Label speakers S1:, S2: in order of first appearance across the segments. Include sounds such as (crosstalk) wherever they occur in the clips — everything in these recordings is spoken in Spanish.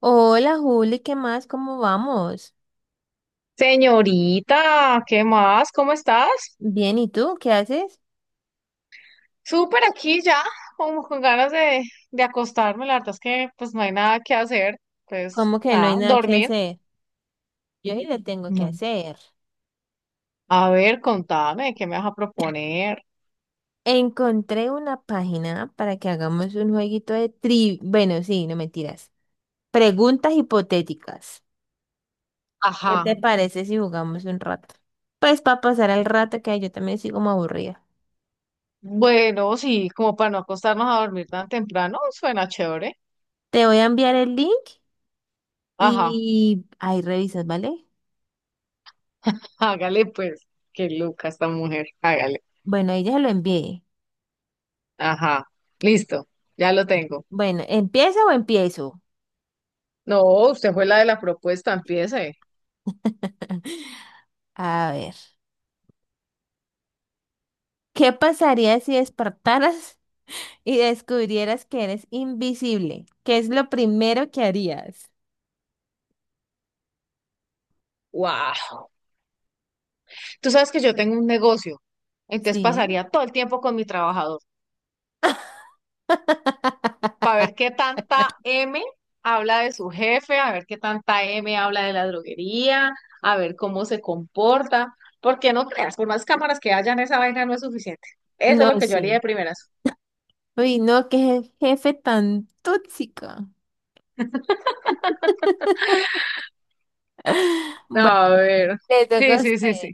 S1: Hola Juli, ¿qué más? ¿Cómo vamos?
S2: Señorita, ¿qué más? ¿Cómo estás?
S1: Bien, ¿y tú? ¿Qué haces?
S2: Súper aquí ya, como con ganas de acostarme. La verdad es que pues no hay nada que hacer. Pues
S1: ¿Cómo que no hay
S2: nada,
S1: nada que
S2: dormir.
S1: hacer? Yo sí le tengo que
S2: No.
S1: hacer.
S2: A ver, contame, ¿qué me vas a proponer?
S1: Encontré una página para que hagamos un jueguito de tri... Bueno, sí, no mentiras. Preguntas hipotéticas. ¿Qué te
S2: Ajá.
S1: parece si jugamos un rato? Pues para pasar el rato que yo también estoy como aburrida.
S2: Bueno, sí, como para no acostarnos a dormir tan temprano, suena chévere.
S1: Te voy a enviar el link
S2: Ajá,
S1: y ahí revisas, ¿vale?
S2: hágale pues. Qué loca esta mujer, hágale.
S1: Bueno, ahí ya se lo envié.
S2: Ajá, listo, ya lo tengo.
S1: Bueno, ¿empieza o empiezo?
S2: No, usted fue la de la propuesta, empiece.
S1: (laughs) A ver. ¿Qué pasaría si despertaras (laughs) y descubrieras que eres invisible? ¿Qué es lo primero que harías?
S2: ¡Wow! Tú sabes que yo tengo un negocio, entonces
S1: Sí.
S2: pasaría todo el tiempo con mi trabajador para
S1: (laughs)
S2: ver qué tanta M habla de su jefe, a ver qué tanta M habla de la droguería, a ver cómo se comporta, porque no creas, por más cámaras que hayan, esa vaina no es suficiente. Eso es
S1: No,
S2: lo que yo haría
S1: sí.
S2: de primeras.
S1: Uy, no, qué jefe tan tóxico. (laughs) Bueno,
S2: A ver,
S1: le toca
S2: sí,
S1: a
S2: sí,
S1: usted.
S2: sí, sí.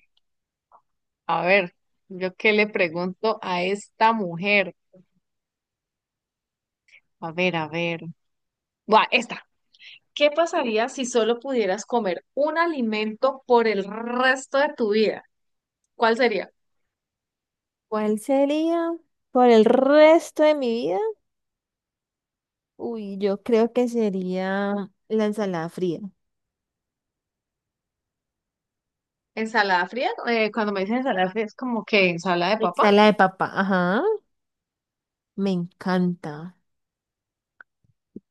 S2: A ver, yo qué le pregunto a esta mujer. A ver, a ver. Buah, esta. ¿Qué pasaría si solo pudieras comer un alimento por el resto de tu vida? ¿Cuál sería?
S1: ¿Cuál sería por el resto de mi vida? Uy, yo creo que sería la ensalada fría.
S2: ¿Ensalada fría? Cuando me dicen ensalada fría es como que ensalada de papa.
S1: Ensalada de papa, ajá. Me encanta.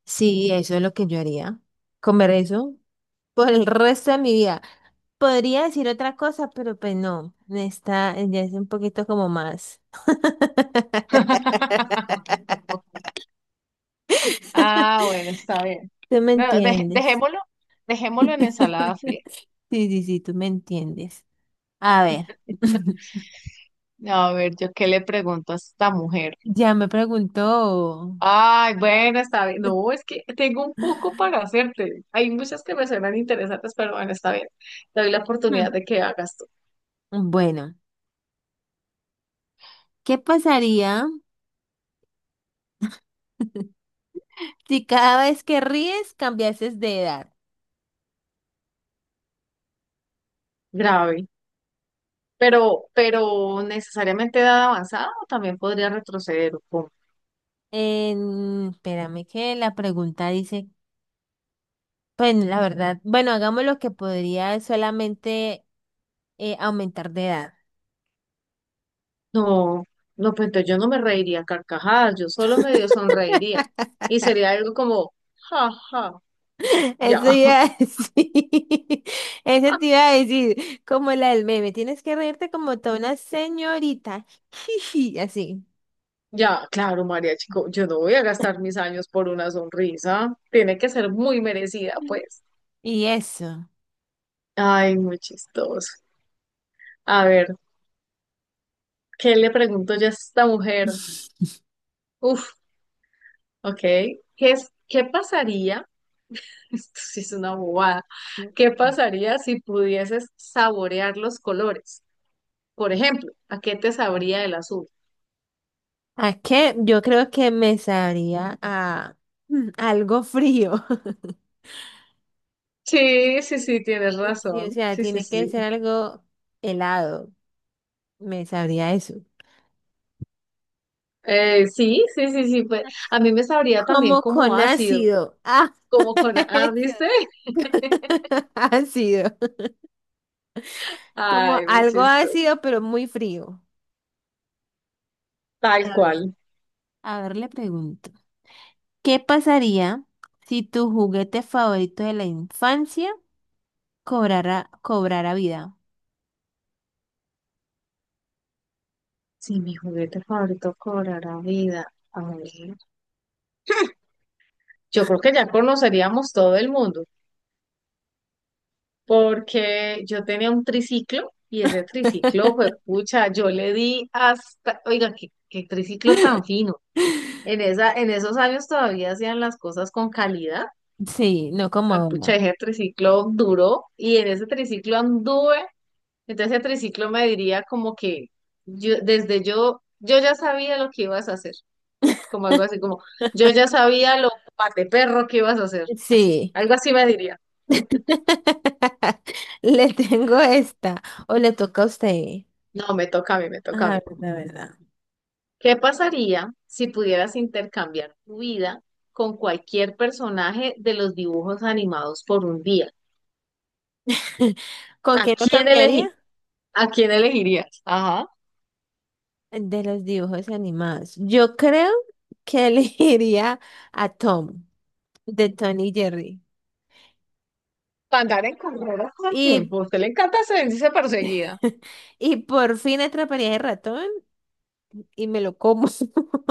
S1: Sí, eso es lo que yo haría. Comer eso por el resto de mi vida. Podría decir otra cosa, pero pues no, está, ya es un poquito como más.
S2: (laughs) Ah, bueno, está bien.
S1: ¿Tú me
S2: No,
S1: entiendes?
S2: dejémoslo, dejémoslo en ensalada fría.
S1: (laughs) Sí, sí, sí, tú me entiendes. A ver, (laughs)
S2: No, a ver, yo qué le pregunto a esta mujer.
S1: ya me preguntó.
S2: Ay, bueno, está bien. No, es que tengo un poco para hacerte. Hay muchas que me suenan interesantes, pero bueno, está bien. Te doy la
S1: Hmm,
S2: oportunidad de que hagas tú.
S1: Bueno, ¿qué pasaría (laughs) si cada vez que ríes cambiases de edad?
S2: Grave. Pero necesariamente edad avanzada o también podría retroceder. ¿O cómo?
S1: Espérame que la pregunta dice, bueno, la verdad, bueno, hagamos lo que podría solamente aumentar de edad.
S2: No, no, pues entonces yo no me reiría a carcajadas, yo solo medio sonreiría. Y sería algo como, ja, ja, ya,
S1: Eso iba a decir. (laughs) Eso te
S2: (laughs)
S1: iba a decir. Como la del meme. Tienes que reírte como toda una señorita. (laughs) Así.
S2: ya, claro, María Chico, yo no voy a gastar mis años por una sonrisa. Tiene que ser muy merecida, pues.
S1: Y eso.
S2: Ay, muy chistoso. A ver, ¿qué le pregunto yo a esta mujer?
S1: (laughs)
S2: Uf, ok. ¿Qué pasaría? (laughs) Esto sí es una bobada. ¿Qué pasaría si pudieses saborear los colores? Por ejemplo, ¿a qué te sabría el azul?
S1: ¿A qué? Yo creo que me sabría a algo frío. (laughs)
S2: Sí, sí, sí, tienes
S1: Sí, o
S2: razón.
S1: sea,
S2: Sí, sí,
S1: tiene
S2: sí.
S1: que ser algo helado. Me sabría eso.
S2: Sí, sí, sí, sí, pues,
S1: (laughs)
S2: a mí me sabría también
S1: Como
S2: como
S1: con
S2: ácido,
S1: ácido. Ah,
S2: como con...
S1: (laughs)
S2: Ah,
S1: eso.
S2: ¿viste? (laughs)
S1: (laughs) Ácido. Como
S2: Ay, muy
S1: algo
S2: chistoso.
S1: ácido, pero muy frío.
S2: Tal
S1: A ver,
S2: cual.
S1: a ver, le pregunto, ¿qué pasaría si tu juguete favorito de la infancia cobrara vida?
S2: Si mi juguete favorito cobrara vida, a ver, yo creo que ya conoceríamos todo el mundo. Porque yo tenía un triciclo y ese triciclo fue
S1: (laughs)
S2: pucha, yo le di hasta, oiga, qué triciclo tan fino. En esos años todavía hacían las cosas con calidad.
S1: Sí, no
S2: Ah,
S1: como
S2: pucha,
S1: uno.
S2: ese triciclo duró y en ese triciclo anduve. Entonces ese triciclo me diría como que yo, ya sabía lo que ibas a hacer, como algo así, como yo ya sabía lo pate perro que ibas a hacer, así,
S1: Sí.
S2: algo así me diría.
S1: (laughs) Le tengo esta. O le toca a usted.
S2: No, me toca a mí, me
S1: A
S2: toca a mí.
S1: ver, la verdad.
S2: ¿Qué pasaría si pudieras intercambiar tu vida con cualquier personaje de los dibujos animados por un día?
S1: (laughs) ¿Con
S2: ¿A
S1: qué lo
S2: quién
S1: cambiaría?
S2: elegí? ¿A quién elegirías? Ajá.
S1: De los dibujos animados. Yo creo que (laughs) elegiría a Tom, de Tony Jerry.
S2: Para andar en carreras todo el
S1: Y,
S2: tiempo. A usted le encanta sentirse perseguida.
S1: (laughs) y por fin atraparía el ratón y me lo como, (laughs)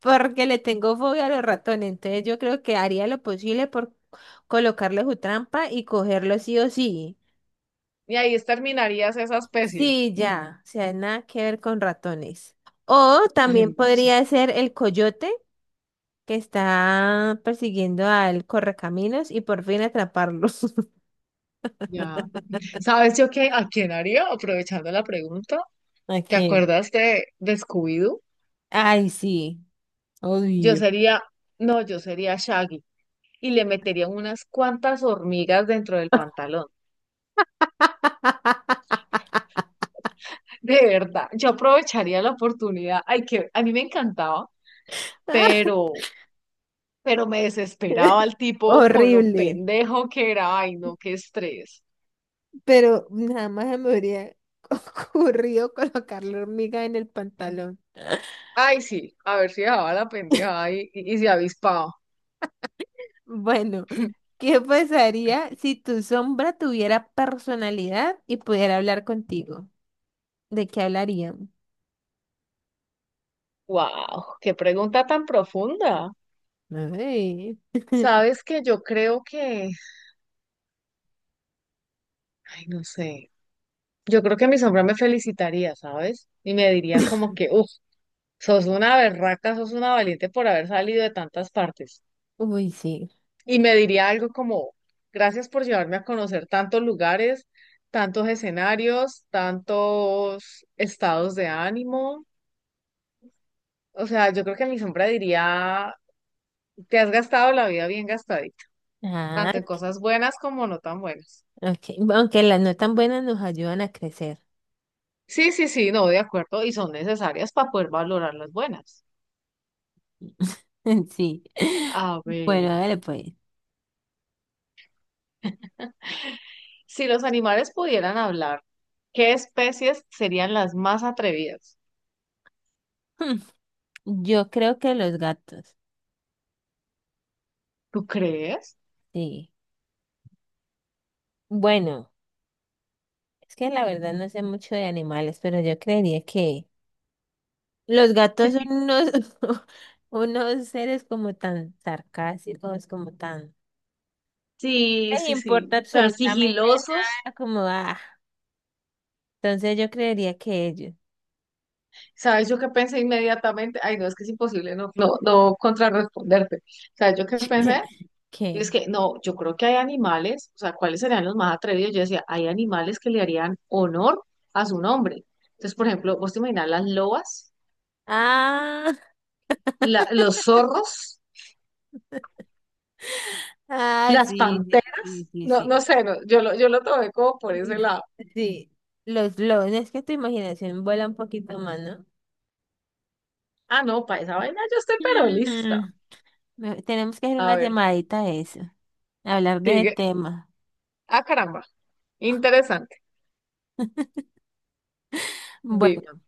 S1: porque le tengo fobia a los ratones. Entonces yo creo que haría lo posible por colocarle su trampa y cogerlo sí o sí.
S2: Y ahí terminarías esa especie.
S1: Sí, ya, o sea, nada que ver con ratones. O
S2: Ay,
S1: también
S2: muy
S1: podría
S2: chistoso.
S1: ser el coyote que está persiguiendo al correcaminos y por fin atraparlos.
S2: Ya.
S1: (laughs)
S2: ¿Sabes yo qué? ¿A quién haría? Aprovechando la pregunta. ¿Te
S1: Aquí.
S2: acuerdas de Scooby-Doo?
S1: Ay, sí,
S2: Yo
S1: odio.
S2: sería, no, yo sería Shaggy. Y le metería unas cuantas hormigas dentro del pantalón.
S1: (laughs)
S2: De verdad, yo aprovecharía la oportunidad. Ay, que a mí me encantaba, pero, pero me desesperaba el tipo con lo
S1: Horrible,
S2: pendejo que era. Ay, no, qué estrés.
S1: pero nada más se me habría (laughs) ocurrido colocar la hormiga en el pantalón.
S2: Ay, sí, a ver si dejaba la pendeja y se avispaba.
S1: Bueno,
S2: (laughs)
S1: ¿qué pasaría si tu sombra tuviera personalidad y pudiera hablar contigo? ¿De qué hablarían?
S2: Wow, qué pregunta tan profunda.
S1: Ay.
S2: Sabes que yo creo que, ay, no sé, yo creo que mi sombra me felicitaría, ¿sabes? Y me diría como
S1: (laughs)
S2: que, uff, sos una berraca, sos una valiente por haber salido de tantas partes.
S1: Uy, sí.
S2: Y me diría algo como, gracias por llevarme a conocer tantos lugares, tantos escenarios, tantos estados de ánimo. O sea, yo creo que mi sombra diría, te has gastado la vida bien gastadita,
S1: Ah,
S2: tanto en cosas buenas como no tan buenas.
S1: ok. Aunque las no tan buenas nos ayudan a crecer.
S2: Sí, sí, sí, no, de acuerdo, y son necesarias para poder valorar las buenas.
S1: (laughs) Sí.
S2: A
S1: Bueno,
S2: ver,
S1: a ver, pues.
S2: si los animales pudieran hablar, ¿qué especies serían las más atrevidas?
S1: (laughs) Yo creo que los gatos.
S2: ¿Tú crees?
S1: Sí. Bueno. Es que la verdad no sé mucho de animales, pero yo creería que los gatos son unos, (laughs) unos seres como tan sarcásticos, como tan...
S2: Sí,
S1: No les
S2: sí,
S1: importa
S2: sí. Tan
S1: absolutamente
S2: sigilosos.
S1: nada, como, ah, entonces yo creería que ellos,
S2: ¿Sabes yo qué pensé inmediatamente? Ay, no, es que es imposible no contrarresponderte. ¿Sabes yo qué pensé?
S1: (laughs)
S2: Y es
S1: que,
S2: que no, yo creo que hay animales, o sea, ¿cuáles serían los más atrevidos? Yo decía, hay animales que le harían honor a su nombre. Entonces, por ejemplo, vos te imaginas las lobas,
S1: ah,
S2: los zorros,
S1: (laughs) ah,
S2: las
S1: sí, sí,
S2: panteras.
S1: sí, sí,
S2: No,
S1: sí.
S2: no
S1: (laughs)
S2: sé, no, yo lo tomé como por
S1: Mm,
S2: ese lado.
S1: sí, los lobos, es que tu imaginación vuela un poquito más, ¿no?
S2: Ah, no, para esa vaina yo estoy pero lista.
S1: Mm, me- tenemos que hacer una
S2: A ver,
S1: llamadita a eso, hablar de ese
S2: sigue.
S1: tema.
S2: Ah, caramba, interesante.
S1: Bueno,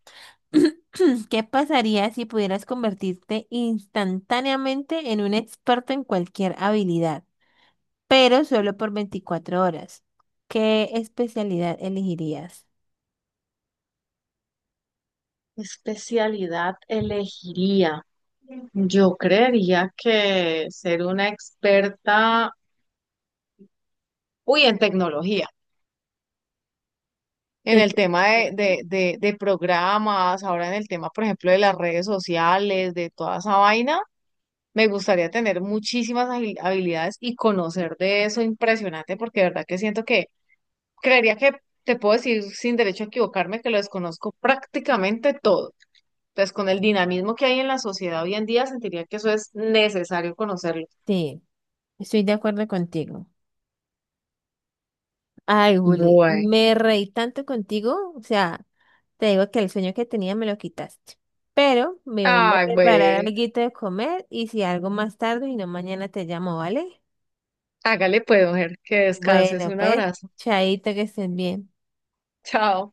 S1: (clears throat) ¿qué pasaría si pudieras convertirte instantáneamente en un experto en cualquier habilidad, pero solo por 24 horas? ¿Qué especialidad elegirías?
S2: ¿Qué especialidad elegiría? Yo creería que ser una experta, uy, en tecnología, en el tema
S1: Entonces, sí.
S2: de programas, ahora en el tema, por ejemplo, de las redes sociales, de toda esa vaina, me gustaría tener muchísimas habilidades y conocer de eso impresionante, porque de verdad que siento que, creería que te puedo decir sin derecho a equivocarme que lo desconozco prácticamente todo. Entonces, con el dinamismo que hay en la sociedad hoy en día, sentiría que eso es necesario conocerlo.
S1: Sí, estoy de acuerdo contigo. Ay, Juli,
S2: Bueno.
S1: me reí tanto contigo, o sea, te digo que el sueño que tenía me lo quitaste. Pero me voy a
S2: Ay,
S1: preparar
S2: bueno.
S1: algo de comer y si algo más tarde y no mañana te llamo, ¿vale?
S2: Hágale pues, mujer, que descanses.
S1: Bueno,
S2: Un
S1: pues,
S2: abrazo.
S1: chaito, que estén bien.
S2: Chao.